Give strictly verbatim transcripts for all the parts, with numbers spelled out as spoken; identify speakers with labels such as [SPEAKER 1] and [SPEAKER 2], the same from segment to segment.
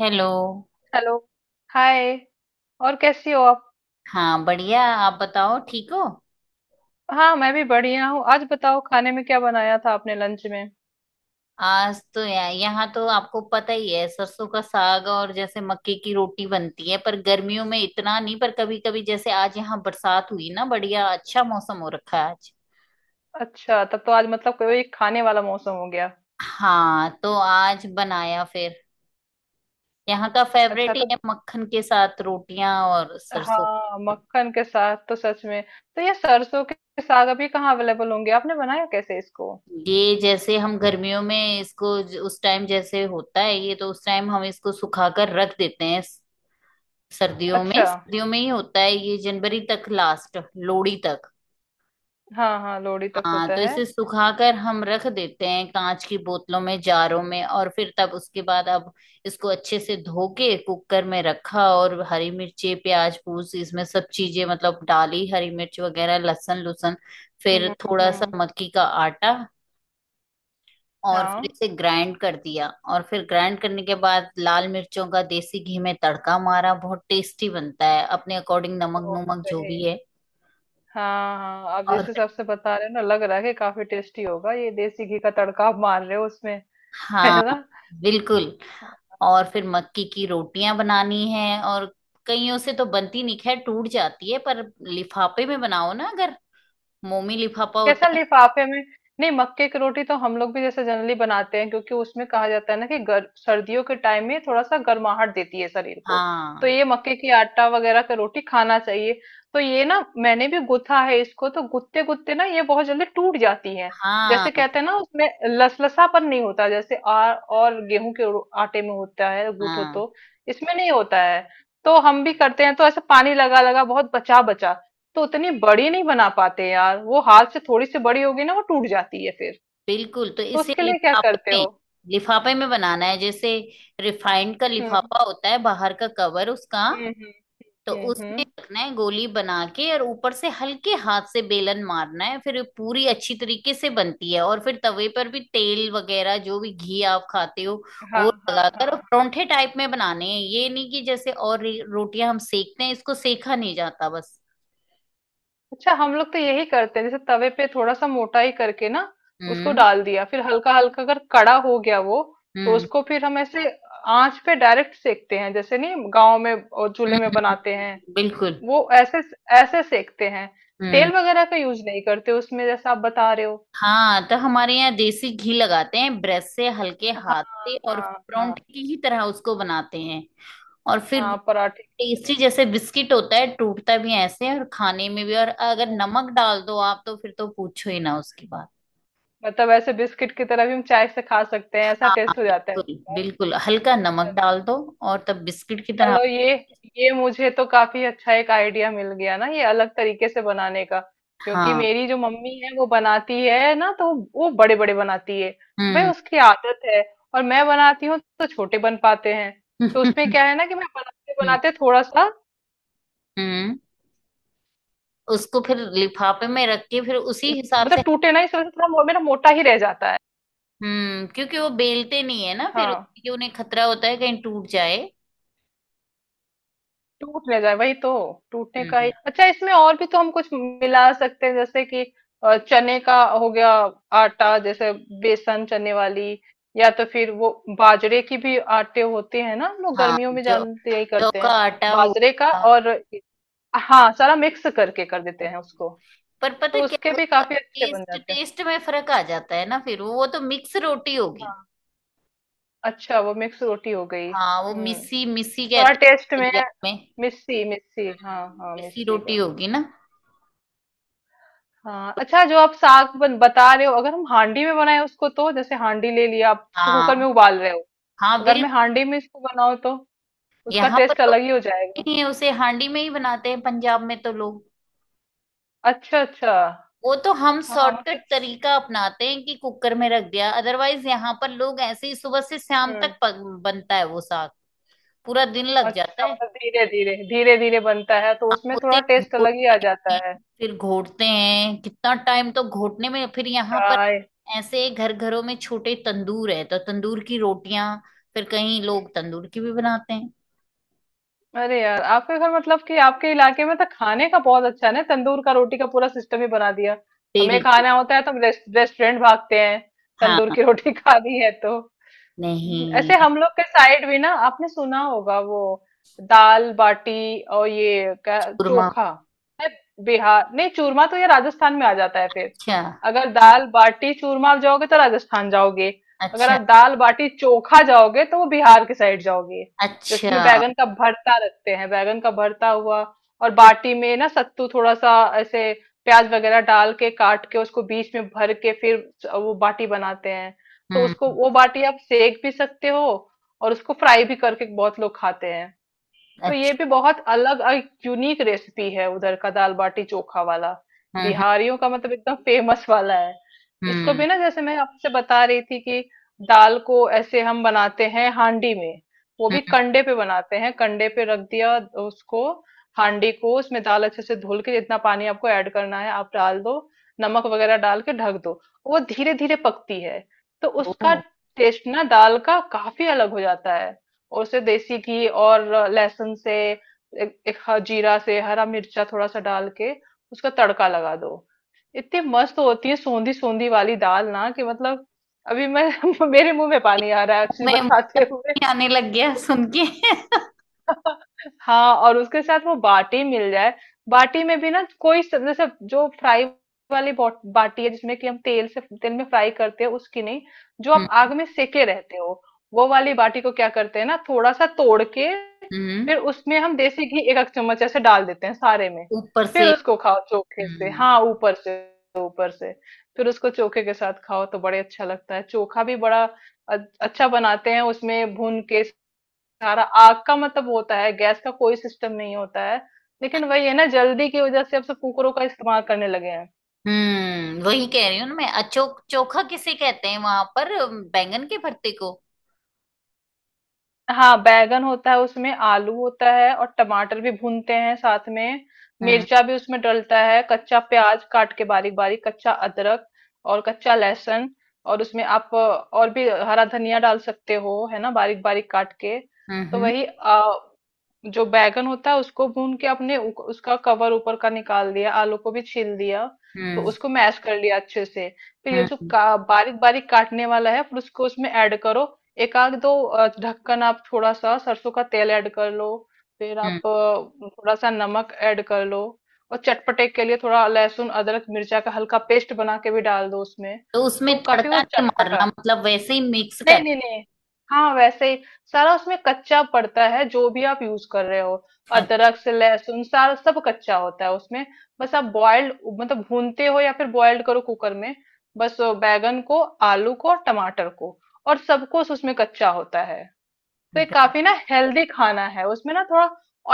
[SPEAKER 1] Hello.
[SPEAKER 2] Hello. Hi. और कैसी हो आप?
[SPEAKER 1] हाँ बढ़िया, आप बताओ, ठीक हो?
[SPEAKER 2] हाँ मैं भी बढ़िया हूँ। आज बताओ खाने में क्या बनाया था आपने लंच में?
[SPEAKER 1] आज तो या, यहाँ तो आपको पता ही है, सरसों का साग, और जैसे मक्के की रोटी बनती है, पर गर्मियों में इतना नहीं, पर कभी कभी जैसे आज यहाँ बरसात हुई ना, बढ़िया अच्छा मौसम हो रखा है आज।
[SPEAKER 2] अच्छा, तब तो आज मतलब कोई खाने वाला मौसम हो गया।
[SPEAKER 1] हाँ तो आज बनाया फिर। यहाँ का
[SPEAKER 2] अच्छा,
[SPEAKER 1] फेवरेट ही
[SPEAKER 2] तो
[SPEAKER 1] है, मक्खन के साथ रोटियां और सरसों
[SPEAKER 2] हाँ,
[SPEAKER 1] का
[SPEAKER 2] मक्खन के साथ तो सच में। तो ये सरसों के साग अभी कहाँ अवेलेबल होंगे? आपने बनाया कैसे इसको?
[SPEAKER 1] साग। ये जैसे हम गर्मियों में इसको ज- उस टाइम जैसे होता है, ये तो उस टाइम हम इसको सुखाकर रख देते हैं। सर्दियों में
[SPEAKER 2] अच्छा।
[SPEAKER 1] सर्दियों में ही होता है ये, जनवरी तक, लास्ट लोहड़ी तक।
[SPEAKER 2] हाँ हाँ, लोहड़ी तक
[SPEAKER 1] हाँ
[SPEAKER 2] होता
[SPEAKER 1] तो
[SPEAKER 2] है।
[SPEAKER 1] इसे सुखाकर हम रख देते हैं कांच की बोतलों में, जारों में, और फिर तब उसके बाद अब इसको अच्छे से धो के कुकर में रखा, और हरी मिर्ची, प्याज पूस, इसमें सब चीजें मतलब डाली, हरी मिर्च वगैरह, लहसुन लुसन, फिर
[SPEAKER 2] हम्म।
[SPEAKER 1] थोड़ा सा
[SPEAKER 2] हम्म।
[SPEAKER 1] मक्की का आटा, और फिर
[SPEAKER 2] हाँ।
[SPEAKER 1] इसे ग्राइंड कर दिया। और फिर ग्राइंड करने के बाद लाल मिर्चों का देसी घी में तड़का मारा। बहुत टेस्टी बनता है, अपने अकॉर्डिंग नमक
[SPEAKER 2] ओ,
[SPEAKER 1] नुमक जो
[SPEAKER 2] सही।
[SPEAKER 1] भी है।
[SPEAKER 2] हाँ हाँ, आप
[SPEAKER 1] और
[SPEAKER 2] जिस
[SPEAKER 1] फिर
[SPEAKER 2] हिसाब से बता रहे हो ना, लग रहा है कि काफी टेस्टी होगा। ये देसी घी का तड़का आप मार रहे हो उसमें है
[SPEAKER 1] हाँ,
[SPEAKER 2] ना।
[SPEAKER 1] बिल्कुल। और फिर मक्की की रोटियां बनानी है, और कईयों से तो बनती नहीं, खैर टूट जाती है, पर लिफाफे में बनाओ ना अगर। मोमी लिफाफा होता
[SPEAKER 2] कैसा
[SPEAKER 1] है।
[SPEAKER 2] लिफाफे में? नहीं, मक्के की रोटी तो हम लोग भी जैसे जनरली बनाते हैं क्योंकि उसमें कहा जाता है ना कि गर, सर्दियों के टाइम में थोड़ा सा गर्माहट देती है शरीर को। तो
[SPEAKER 1] हाँ।
[SPEAKER 2] ये मक्के की आटा वगैरह का रोटी खाना चाहिए। तो ये ना मैंने भी गुथा है, इसको तो गुत्ते गुत्ते ना ये बहुत जल्दी टूट जाती है।
[SPEAKER 1] हाँ।
[SPEAKER 2] जैसे कहते हैं ना, उसमें लसलसापन नहीं होता जैसे आ, और गेहूं के रो- आटे में होता है गूथो
[SPEAKER 1] हाँ
[SPEAKER 2] तो। इसमें नहीं होता है। तो हम भी करते हैं तो ऐसे पानी लगा लगा, बहुत बचा बचा। तो उतनी बड़ी नहीं बना पाते यार, वो हाथ से थोड़ी सी बड़ी होगी ना वो टूट जाती है फिर।
[SPEAKER 1] बिल्कुल, तो
[SPEAKER 2] तो
[SPEAKER 1] इसे
[SPEAKER 2] उसके लिए क्या
[SPEAKER 1] लिफाफे
[SPEAKER 2] करते
[SPEAKER 1] में,
[SPEAKER 2] हो?
[SPEAKER 1] लिफाफे में बनाना है। जैसे रिफाइंड का
[SPEAKER 2] हम्म
[SPEAKER 1] लिफाफा होता है, बाहर का कवर उसका।
[SPEAKER 2] हम्म।
[SPEAKER 1] तो
[SPEAKER 2] हम्म हम्म।
[SPEAKER 1] उसमें
[SPEAKER 2] हम्म।
[SPEAKER 1] रखना है गोली बना के, और ऊपर से हल्के हाथ से बेलन मारना है, फिर ये पूरी अच्छी तरीके से बनती है। और फिर तवे पर भी तेल वगैरह, जो भी घी आप खाते हो,
[SPEAKER 2] हाँ
[SPEAKER 1] वो
[SPEAKER 2] हाँ हाँ
[SPEAKER 1] लगाकर,
[SPEAKER 2] हाँ।
[SPEAKER 1] और परोंठे टाइप में बनाने हैं। ये नहीं कि जैसे और रे- रोटियां हम सेकते हैं, इसको सेका नहीं जाता बस।
[SPEAKER 2] अच्छा, हम लोग तो यही करते हैं, जैसे तवे पे थोड़ा सा मोटा ही करके ना उसको
[SPEAKER 1] हम्म।
[SPEAKER 2] डाल दिया, फिर हल्का हल्का अगर कड़ा हो गया वो, तो
[SPEAKER 1] हम्म।
[SPEAKER 2] उसको फिर हम ऐसे आंच पे डायरेक्ट सेकते हैं। जैसे नहीं, गांव में और
[SPEAKER 1] हम्म,
[SPEAKER 2] चूल्हे में
[SPEAKER 1] हम्म,
[SPEAKER 2] बनाते हैं
[SPEAKER 1] हम्म, बिल्कुल।
[SPEAKER 2] वो, ऐसे ऐसे सेकते हैं।
[SPEAKER 1] हम्म।
[SPEAKER 2] तेल वगैरह का यूज नहीं करते उसमें, जैसा आप बता रहे हो।
[SPEAKER 1] हाँ, तो हमारे यहाँ देसी घी लगाते हैं ब्रश से, हल्के
[SPEAKER 2] हाँ
[SPEAKER 1] हाथ से, और
[SPEAKER 2] हाँ। हाँ
[SPEAKER 1] परोंठे की ही तरह उसको बनाते हैं। और फिर
[SPEAKER 2] हाँ पराठे।
[SPEAKER 1] टेस्टी, जैसे बिस्किट होता है, टूटता भी ऐसे है, और खाने में भी। और अगर नमक डाल दो आप तो फिर तो पूछो ही ना उसकी बात।
[SPEAKER 2] मतलब ऐसे बिस्किट की तरह भी हम चाय से खा सकते हैं, ऐसा
[SPEAKER 1] हाँ हाँ,
[SPEAKER 2] टेस्ट हो जाता है
[SPEAKER 1] बिल्कुल
[SPEAKER 2] उसका।
[SPEAKER 1] बिल्कुल, हल्का नमक डाल दो और तब बिस्किट की तरह।
[SPEAKER 2] चलो, ये ये मुझे तो काफी अच्छा एक आइडिया मिल गया ना, ये अलग तरीके से बनाने का। क्योंकि
[SPEAKER 1] हाँ।
[SPEAKER 2] मेरी जो मम्मी है वो बनाती है ना, तो वो बड़े बड़े बनाती है। भाई
[SPEAKER 1] हम्म।
[SPEAKER 2] उसकी आदत है। और मैं बनाती हूँ तो छोटे बन पाते हैं। तो
[SPEAKER 1] हम्म।
[SPEAKER 2] उसमें क्या है ना कि मैं बनाते बनाते थोड़ा सा,
[SPEAKER 1] हम्म, उसको फिर लिफाफे में रख के फिर उसी हिसाब
[SPEAKER 2] मतलब
[SPEAKER 1] से।
[SPEAKER 2] टूटे ना इस वजह से, थोड़ा मो- मेरा मोटा ही रह जाता है।
[SPEAKER 1] हम्म, क्योंकि वो बेलते नहीं है ना फिर,
[SPEAKER 2] हाँ,
[SPEAKER 1] क्योंकि उन्हें खतरा होता है कहीं टूट जाए।
[SPEAKER 2] टूट ना जाए वही तो। टूटने का ही।
[SPEAKER 1] हम्म।
[SPEAKER 2] अच्छा, इसमें और भी तो हम कुछ मिला सकते हैं जैसे कि अ, चने का हो गया, आटा जैसे, बेसन, चने वाली। या तो फिर वो बाजरे की भी आटे होते हैं ना, हम लोग
[SPEAKER 1] हाँ,
[SPEAKER 2] गर्मियों में
[SPEAKER 1] जो
[SPEAKER 2] जानते यही
[SPEAKER 1] जौ
[SPEAKER 2] करते
[SPEAKER 1] का
[SPEAKER 2] हैं।
[SPEAKER 1] आटा हो।
[SPEAKER 2] बाजरे का
[SPEAKER 1] हाँ,
[SPEAKER 2] और हाँ, सारा मिक्स करके कर देते हैं उसको।
[SPEAKER 1] पर
[SPEAKER 2] तो
[SPEAKER 1] पता क्या
[SPEAKER 2] उसके भी
[SPEAKER 1] होता,
[SPEAKER 2] काफी अच्छे बन
[SPEAKER 1] टेस्ट
[SPEAKER 2] जाते हैं।
[SPEAKER 1] टेस्ट में फर्क आ जाता है ना फिर, वो तो मिक्स रोटी होगी।
[SPEAKER 2] हाँ। अच्छा, वो मिक्स रोटी हो गई।
[SPEAKER 1] हाँ, वो
[SPEAKER 2] हम्म,
[SPEAKER 1] मिस्सी मिस्सी कहते
[SPEAKER 2] थोड़ा टेस्ट
[SPEAKER 1] हैं
[SPEAKER 2] में।
[SPEAKER 1] पंजाब में।
[SPEAKER 2] मिस्सी मिस्सी, हाँ
[SPEAKER 1] हम्म,
[SPEAKER 2] हाँ,
[SPEAKER 1] मिस्सी
[SPEAKER 2] मिस्सी
[SPEAKER 1] रोटी
[SPEAKER 2] का।
[SPEAKER 1] होगी ना।
[SPEAKER 2] हाँ। अच्छा, जो आप साग बन, बता रहे हो, अगर हम हांडी में बनाए उसको, तो जैसे हांडी ले लिया, आप जैसे कुकर
[SPEAKER 1] हाँ।
[SPEAKER 2] में उबाल रहे हो,
[SPEAKER 1] हाँ
[SPEAKER 2] अगर
[SPEAKER 1] बिल्कुल।
[SPEAKER 2] मैं हांडी में इसको बनाऊँ तो उसका
[SPEAKER 1] यहाँ पर
[SPEAKER 2] टेस्ट
[SPEAKER 1] तो
[SPEAKER 2] अलग ही हो जाएगा।
[SPEAKER 1] नहीं है, उसे हांडी में ही बनाते हैं पंजाब में तो लोग।
[SPEAKER 2] अच्छा अच्छा।
[SPEAKER 1] वो तो हम
[SPEAKER 2] हाँ
[SPEAKER 1] शॉर्टकट
[SPEAKER 2] मतलब।
[SPEAKER 1] तरीका अपनाते हैं कि कुकर में रख दिया, अदरवाइज यहाँ पर लोग ऐसे ही सुबह से शाम
[SPEAKER 2] हम्म।
[SPEAKER 1] तक पक, बनता है वो साग, पूरा दिन लग जाता
[SPEAKER 2] अच्छा,
[SPEAKER 1] है।
[SPEAKER 2] मतलब धीरे धीरे धीरे धीरे बनता है तो उसमें
[SPEAKER 1] होते
[SPEAKER 2] थोड़ा टेस्ट अलग ही
[SPEAKER 1] घोटते
[SPEAKER 2] आ जाता
[SPEAKER 1] हैं,
[SPEAKER 2] है।
[SPEAKER 1] फिर घोटते हैं, कितना टाइम तो घोटने में, फिर यहाँ पर
[SPEAKER 2] चाय।
[SPEAKER 1] ऐसे घर घरों में छोटे तंदूर है, तो तंदूर की रोटियां, फिर कहीं लोग तंदूर की भी बनाते हैं।
[SPEAKER 2] अरे यार, आपके घर मतलब कि आपके इलाके में तो खाने का बहुत अच्छा है ना, तंदूर का, रोटी का पूरा सिस्टम ही बना दिया। हमें
[SPEAKER 1] बिल्कुल।
[SPEAKER 2] खाना होता है तो हम रेस्ट, रेस्टोरेंट भागते हैं,
[SPEAKER 1] हाँ।
[SPEAKER 2] तंदूर की रोटी खानी है तो।
[SPEAKER 1] नहीं,
[SPEAKER 2] ऐसे हम लोग के साइड भी ना आपने सुना होगा, वो दाल बाटी, और ये क्या,
[SPEAKER 1] चूरमा।
[SPEAKER 2] चोखा है। बिहार, नहीं, चूरमा तो ये राजस्थान में आ जाता है फिर।
[SPEAKER 1] अच्छा।
[SPEAKER 2] अगर दाल बाटी चूरमा आप जाओगे तो राजस्थान जाओगे। अगर
[SPEAKER 1] अच्छा।
[SPEAKER 2] आप दाल बाटी चोखा जाओगे तो वो बिहार के साइड जाओगे।
[SPEAKER 1] अच्छा।
[SPEAKER 2] जिसमें बैगन का भरता रखते हैं, बैगन का भरता हुआ, और बाटी में ना सत्तू थोड़ा सा ऐसे प्याज वगैरह डाल के काट के, उसको बीच में भर के, फिर वो बाटी बनाते हैं। तो
[SPEAKER 1] हम्म।
[SPEAKER 2] उसको, वो बाटी आप सेक भी सकते हो और उसको फ्राई भी करके बहुत लोग खाते हैं। तो ये भी
[SPEAKER 1] अच्छा।
[SPEAKER 2] बहुत अलग और यूनिक रेसिपी है, उधर का दाल बाटी चोखा वाला।
[SPEAKER 1] हम्म।
[SPEAKER 2] बिहारियों का मतलब एकदम फेमस वाला है। इसको
[SPEAKER 1] हम्म।
[SPEAKER 2] भी ना, जैसे मैं आपसे बता रही थी कि दाल को ऐसे हम बनाते हैं हांडी में। वो भी
[SPEAKER 1] हम्म।
[SPEAKER 2] कंडे पे बनाते हैं, कंडे पे रख दिया उसको, हांडी को, उसमें दाल अच्छे से धुल के, जितना पानी आपको ऐड करना है आप डाल दो, नमक वगैरह डाल के ढक दो। वो धीरे धीरे पकती है। तो उसका
[SPEAKER 1] ओ,
[SPEAKER 2] टेस्ट ना दाल का काफी अलग हो जाता है। और उसे देसी घी और लहसुन से, एक, एक ह- जीरा से, हरा मिर्चा थोड़ा सा डाल के उसका तड़का लगा दो। इतनी मस्त होती है सोंधी सोंधी वाली दाल ना कि मतलब, अभी मैं मेरे मुंह में पानी आ रहा है एक्चुअली
[SPEAKER 1] मैं मुंह
[SPEAKER 2] बताते
[SPEAKER 1] में
[SPEAKER 2] हुए।
[SPEAKER 1] पानी आने लग गया सुन के।
[SPEAKER 2] हाँ, और उसके साथ वो बाटी मिल जाए। बाटी में भी ना कोई स- जैसे जो फ्राई वाली बॉट- बाटी है, जिसमें कि हम तेल से, तेल में फ्राई करते हैं, उसकी नहीं, जो आप
[SPEAKER 1] हम्म।
[SPEAKER 2] आग में सेके रहते हो, वो वाली बाटी को क्या करते हैं ना, थोड़ा सा तोड़ के
[SPEAKER 1] हम्म,
[SPEAKER 2] फिर उसमें हम देसी घी एक एक चम्मच ऐसे डाल देते हैं सारे में।
[SPEAKER 1] ऊपर
[SPEAKER 2] फिर
[SPEAKER 1] से।
[SPEAKER 2] उसको खाओ चोखे से।
[SPEAKER 1] हम्म।
[SPEAKER 2] हाँ, ऊपर से, ऊपर से, फिर उसको चोखे के साथ खाओ तो बड़े अच्छा लगता है। चोखा भी बड़ा अ- अच्छा बनाते हैं उसमें, भून के सारा। आग का मतलब होता है, गैस का कोई सिस्टम नहीं होता है। लेकिन वही है ना, जल्दी की वजह से अब सब कुकरों का इस्तेमाल करने लगे हैं।
[SPEAKER 1] हम्म, वही कह रही हूँ ना मैं, अचोक चोखा किसे कहते हैं वहां पर, बैंगन के भरते को।
[SPEAKER 2] हाँ, बैगन होता है उसमें, आलू होता है, और टमाटर भी भूनते हैं साथ में।
[SPEAKER 1] हम्म।
[SPEAKER 2] मिर्चा भी उसमें डलता है, कच्चा प्याज काट के बारीक बारीक, कच्चा अदरक और कच्चा लहसुन। और उसमें आप अ, और भी हरा धनिया डाल सकते हो है ना, बारीक बारीक काट के।
[SPEAKER 1] हम्म।
[SPEAKER 2] तो
[SPEAKER 1] हम्म।
[SPEAKER 2] वही आ, जो बैगन होता है उसको भून के आपने उ- उसका कवर ऊपर का निकाल दिया, आलू को भी छील दिया, तो
[SPEAKER 1] हम्म।
[SPEAKER 2] उसको मैश कर लिया अच्छे से। फिर ये जो
[SPEAKER 1] हम्म।
[SPEAKER 2] का, बारीक बारीक काटने वाला है फिर उसको उसमें ऐड करो। एक आध दो अ, ढक्कन आप थोड़ा सा सरसों का तेल ऐड कर लो। फिर
[SPEAKER 1] हम्म।
[SPEAKER 2] आप अ, थोड़ा सा नमक ऐड कर लो। और चटपटे के लिए थोड़ा लहसुन अदरक मिर्चा का हल्का पेस्ट बना के भी डाल दो उसमें।
[SPEAKER 1] तो उसमें
[SPEAKER 2] तो काफी
[SPEAKER 1] तड़का
[SPEAKER 2] वो
[SPEAKER 1] नहीं
[SPEAKER 2] चटपटा।
[SPEAKER 1] मारना, मतलब वैसे ही मिक्स
[SPEAKER 2] नहीं
[SPEAKER 1] कर।
[SPEAKER 2] नहीं नहीं, हाँ वैसे ही सारा उसमें कच्चा पड़ता है, जो भी आप यूज कर रहे हो।
[SPEAKER 1] अच्छा।
[SPEAKER 2] अदरक से लहसुन, सारा सब कच्चा होता है उसमें। बस आप बॉइल्ड, मतलब भूनते हो या फिर बॉइल्ड करो कुकर में, बस वो बैगन को, आलू को, और टमाटर को। और सब कुछ उसमें कच्चा होता है। तो ये
[SPEAKER 1] बे-
[SPEAKER 2] काफी ना हेल्दी खाना है उसमें, ना थोड़ा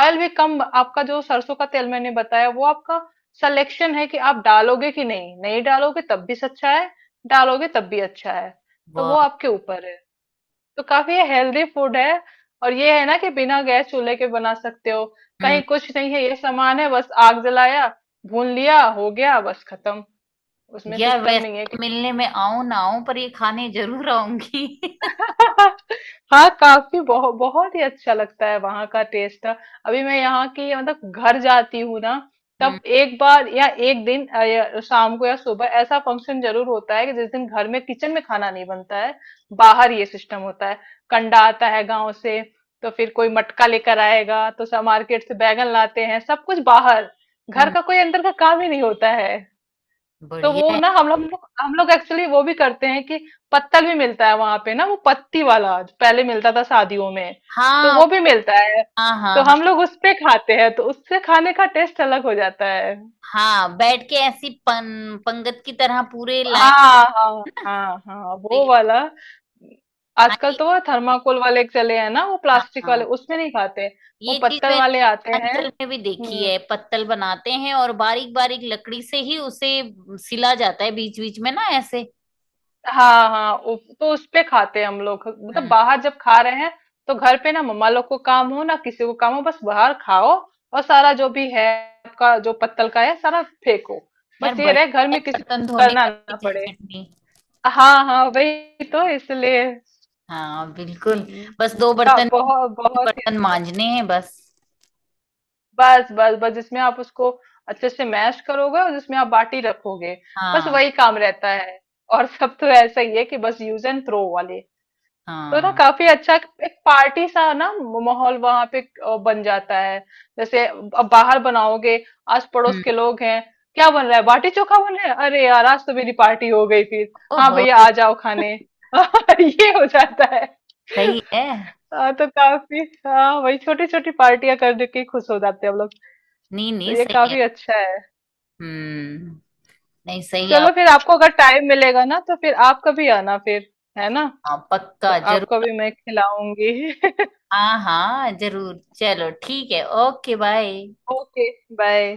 [SPEAKER 2] ऑयल भी कम। आपका जो सरसों का तेल मैंने बताया वो आपका सिलेक्शन है कि आप डालोगे कि नहीं, नहीं डालोगे तब भी अच्छा है, डालोगे तब भी अच्छा है। तो
[SPEAKER 1] वाह।
[SPEAKER 2] वो आपके ऊपर है। तो काफी हेल्दी फूड है। और ये है ना कि बिना गैस चूल्हे के बना सकते हो,
[SPEAKER 1] हम्म।
[SPEAKER 2] कहीं कुछ नहीं है, ये सामान है, बस आग जलाया, भून लिया, हो गया, बस खत्म। उसमें
[SPEAKER 1] यार
[SPEAKER 2] सिस्टम
[SPEAKER 1] वैसे
[SPEAKER 2] नहीं है।
[SPEAKER 1] तो मिलने में आऊं ना आऊं, पर ये खाने जरूर आऊंगी।
[SPEAKER 2] हाँ, काफी बहुत बहुत ही अच्छा लगता है वहां का टेस्ट। अभी मैं यहाँ की, मतलब घर जाती हूँ ना तब,
[SPEAKER 1] हम्म।
[SPEAKER 2] एक बार या एक दिन अ, या शाम को या सुबह ऐसा फंक्शन जरूर होता है कि जिस दिन घर में किचन में खाना नहीं बनता है, बाहर ये सिस्टम होता है। कंडा आता है गांव से, तो फिर कोई मटका लेकर आएगा, तो सब मार्केट से बैगन लाते हैं, सब कुछ बाहर। घर
[SPEAKER 1] हम्म,
[SPEAKER 2] का कोई अंदर का काम ही नहीं होता है। तो
[SPEAKER 1] बढ़िया
[SPEAKER 2] वो
[SPEAKER 1] है।
[SPEAKER 2] ना हम हम लोग हम लोग एक्चुअली वो भी करते हैं कि पत्तल भी मिलता है वहां पे ना, वो पत्ती वाला जो पहले मिलता था शादियों में, तो
[SPEAKER 1] हाँ
[SPEAKER 2] वो भी मिलता है।
[SPEAKER 1] हाँ
[SPEAKER 2] तो
[SPEAKER 1] हाँ हाँ।
[SPEAKER 2] हम लोग उस पे खाते हैं, तो उससे खाने का टेस्ट अलग हो जाता है।
[SPEAKER 1] हाँ, बैठ के ऐसी पं, पंगत की तरह पूरे लाइन।
[SPEAKER 2] हाँ हाँ हाँ, हाँ वो वाला।
[SPEAKER 1] हाँ
[SPEAKER 2] आजकल
[SPEAKER 1] ये-
[SPEAKER 2] तो वो थर्माकोल वाले चले हैं ना, वो
[SPEAKER 1] हाँ
[SPEAKER 2] प्लास्टिक वाले,
[SPEAKER 1] हाँ।
[SPEAKER 2] उसमें नहीं खाते, वो
[SPEAKER 1] ये चीज
[SPEAKER 2] पत्तल
[SPEAKER 1] मैं
[SPEAKER 2] वाले आते हैं।
[SPEAKER 1] अंचल में भी देखी
[SPEAKER 2] हम्म।
[SPEAKER 1] है, पत्तल बनाते हैं और बारीक बारीक लकड़ी से ही उसे सिला जाता है बीच बीच में ना ऐसे।
[SPEAKER 2] हाँ हाँ, उ- तो उस पे खाते हैं हम लोग मतलब
[SPEAKER 1] हम्म।
[SPEAKER 2] बाहर जब खा रहे हैं, तो घर पे ना मम्मा लोग को काम हो, ना किसी को काम हो, बस बाहर खाओ, और सारा जो भी है आपका जो पत्तल का है सारा फेंको।
[SPEAKER 1] यार,
[SPEAKER 2] बस ये रहे घर
[SPEAKER 1] बड़े
[SPEAKER 2] में किसी को
[SPEAKER 1] बर्तन
[SPEAKER 2] कुछ
[SPEAKER 1] धोने
[SPEAKER 2] करना
[SPEAKER 1] का भी
[SPEAKER 2] ना पड़े।
[SPEAKER 1] झंझट नहीं।
[SPEAKER 2] हाँ हाँ, वही तो इसलिए।
[SPEAKER 1] हाँ बिल्कुल।
[SPEAKER 2] हम्म,
[SPEAKER 1] बस दो
[SPEAKER 2] हाँ,
[SPEAKER 1] बर्तन,
[SPEAKER 2] बहुत बहुत ही
[SPEAKER 1] बर्तन
[SPEAKER 2] अच्छा।
[SPEAKER 1] मांजने हैं बस।
[SPEAKER 2] बस बस बस जिसमें आप उसको अच्छे से मैश करोगे, और जिसमें आप बाटी रखोगे, बस
[SPEAKER 1] हाँ।
[SPEAKER 2] वही काम रहता है। और सब तो ऐसा ही है कि बस यूज एंड थ्रो वाले। तो ना,
[SPEAKER 1] हाँ।
[SPEAKER 2] काफी अच्छा एक पार्टी सा ना माहौल वहां पे अ, बन जाता है। जैसे अब बाहर बनाओगे, आस पड़ोस
[SPEAKER 1] हम्म।
[SPEAKER 2] के लोग हैं, क्या बन रहा है, बाटी चोखा बन रहा है, अरे यार आज तो मेरी पार्टी हो गई फिर, हाँ
[SPEAKER 1] ओहो।
[SPEAKER 2] भैया आ जाओ खाने ये हो जाता है।
[SPEAKER 1] सही है।
[SPEAKER 2] हाँ तो काफी, हाँ वही छोटी छोटी पार्टियां करने के ही खुश हो जाते हैं हम लोग।
[SPEAKER 1] नहीं
[SPEAKER 2] तो
[SPEAKER 1] नहीं,
[SPEAKER 2] ये
[SPEAKER 1] सही है।
[SPEAKER 2] काफी अच्छा है।
[SPEAKER 1] हम्म। नहीं, सही है
[SPEAKER 2] चलो
[SPEAKER 1] आप।
[SPEAKER 2] फिर, आपको अगर टाइम मिलेगा ना तो फिर आप कभी आना फिर, है ना,
[SPEAKER 1] हाँ,
[SPEAKER 2] तो
[SPEAKER 1] पक्का जरूर।
[SPEAKER 2] आपको भी मैं खिलाऊंगी।
[SPEAKER 1] हाँ हाँ जरूर, चलो ठीक है, ओके बाय।
[SPEAKER 2] Okay, bye.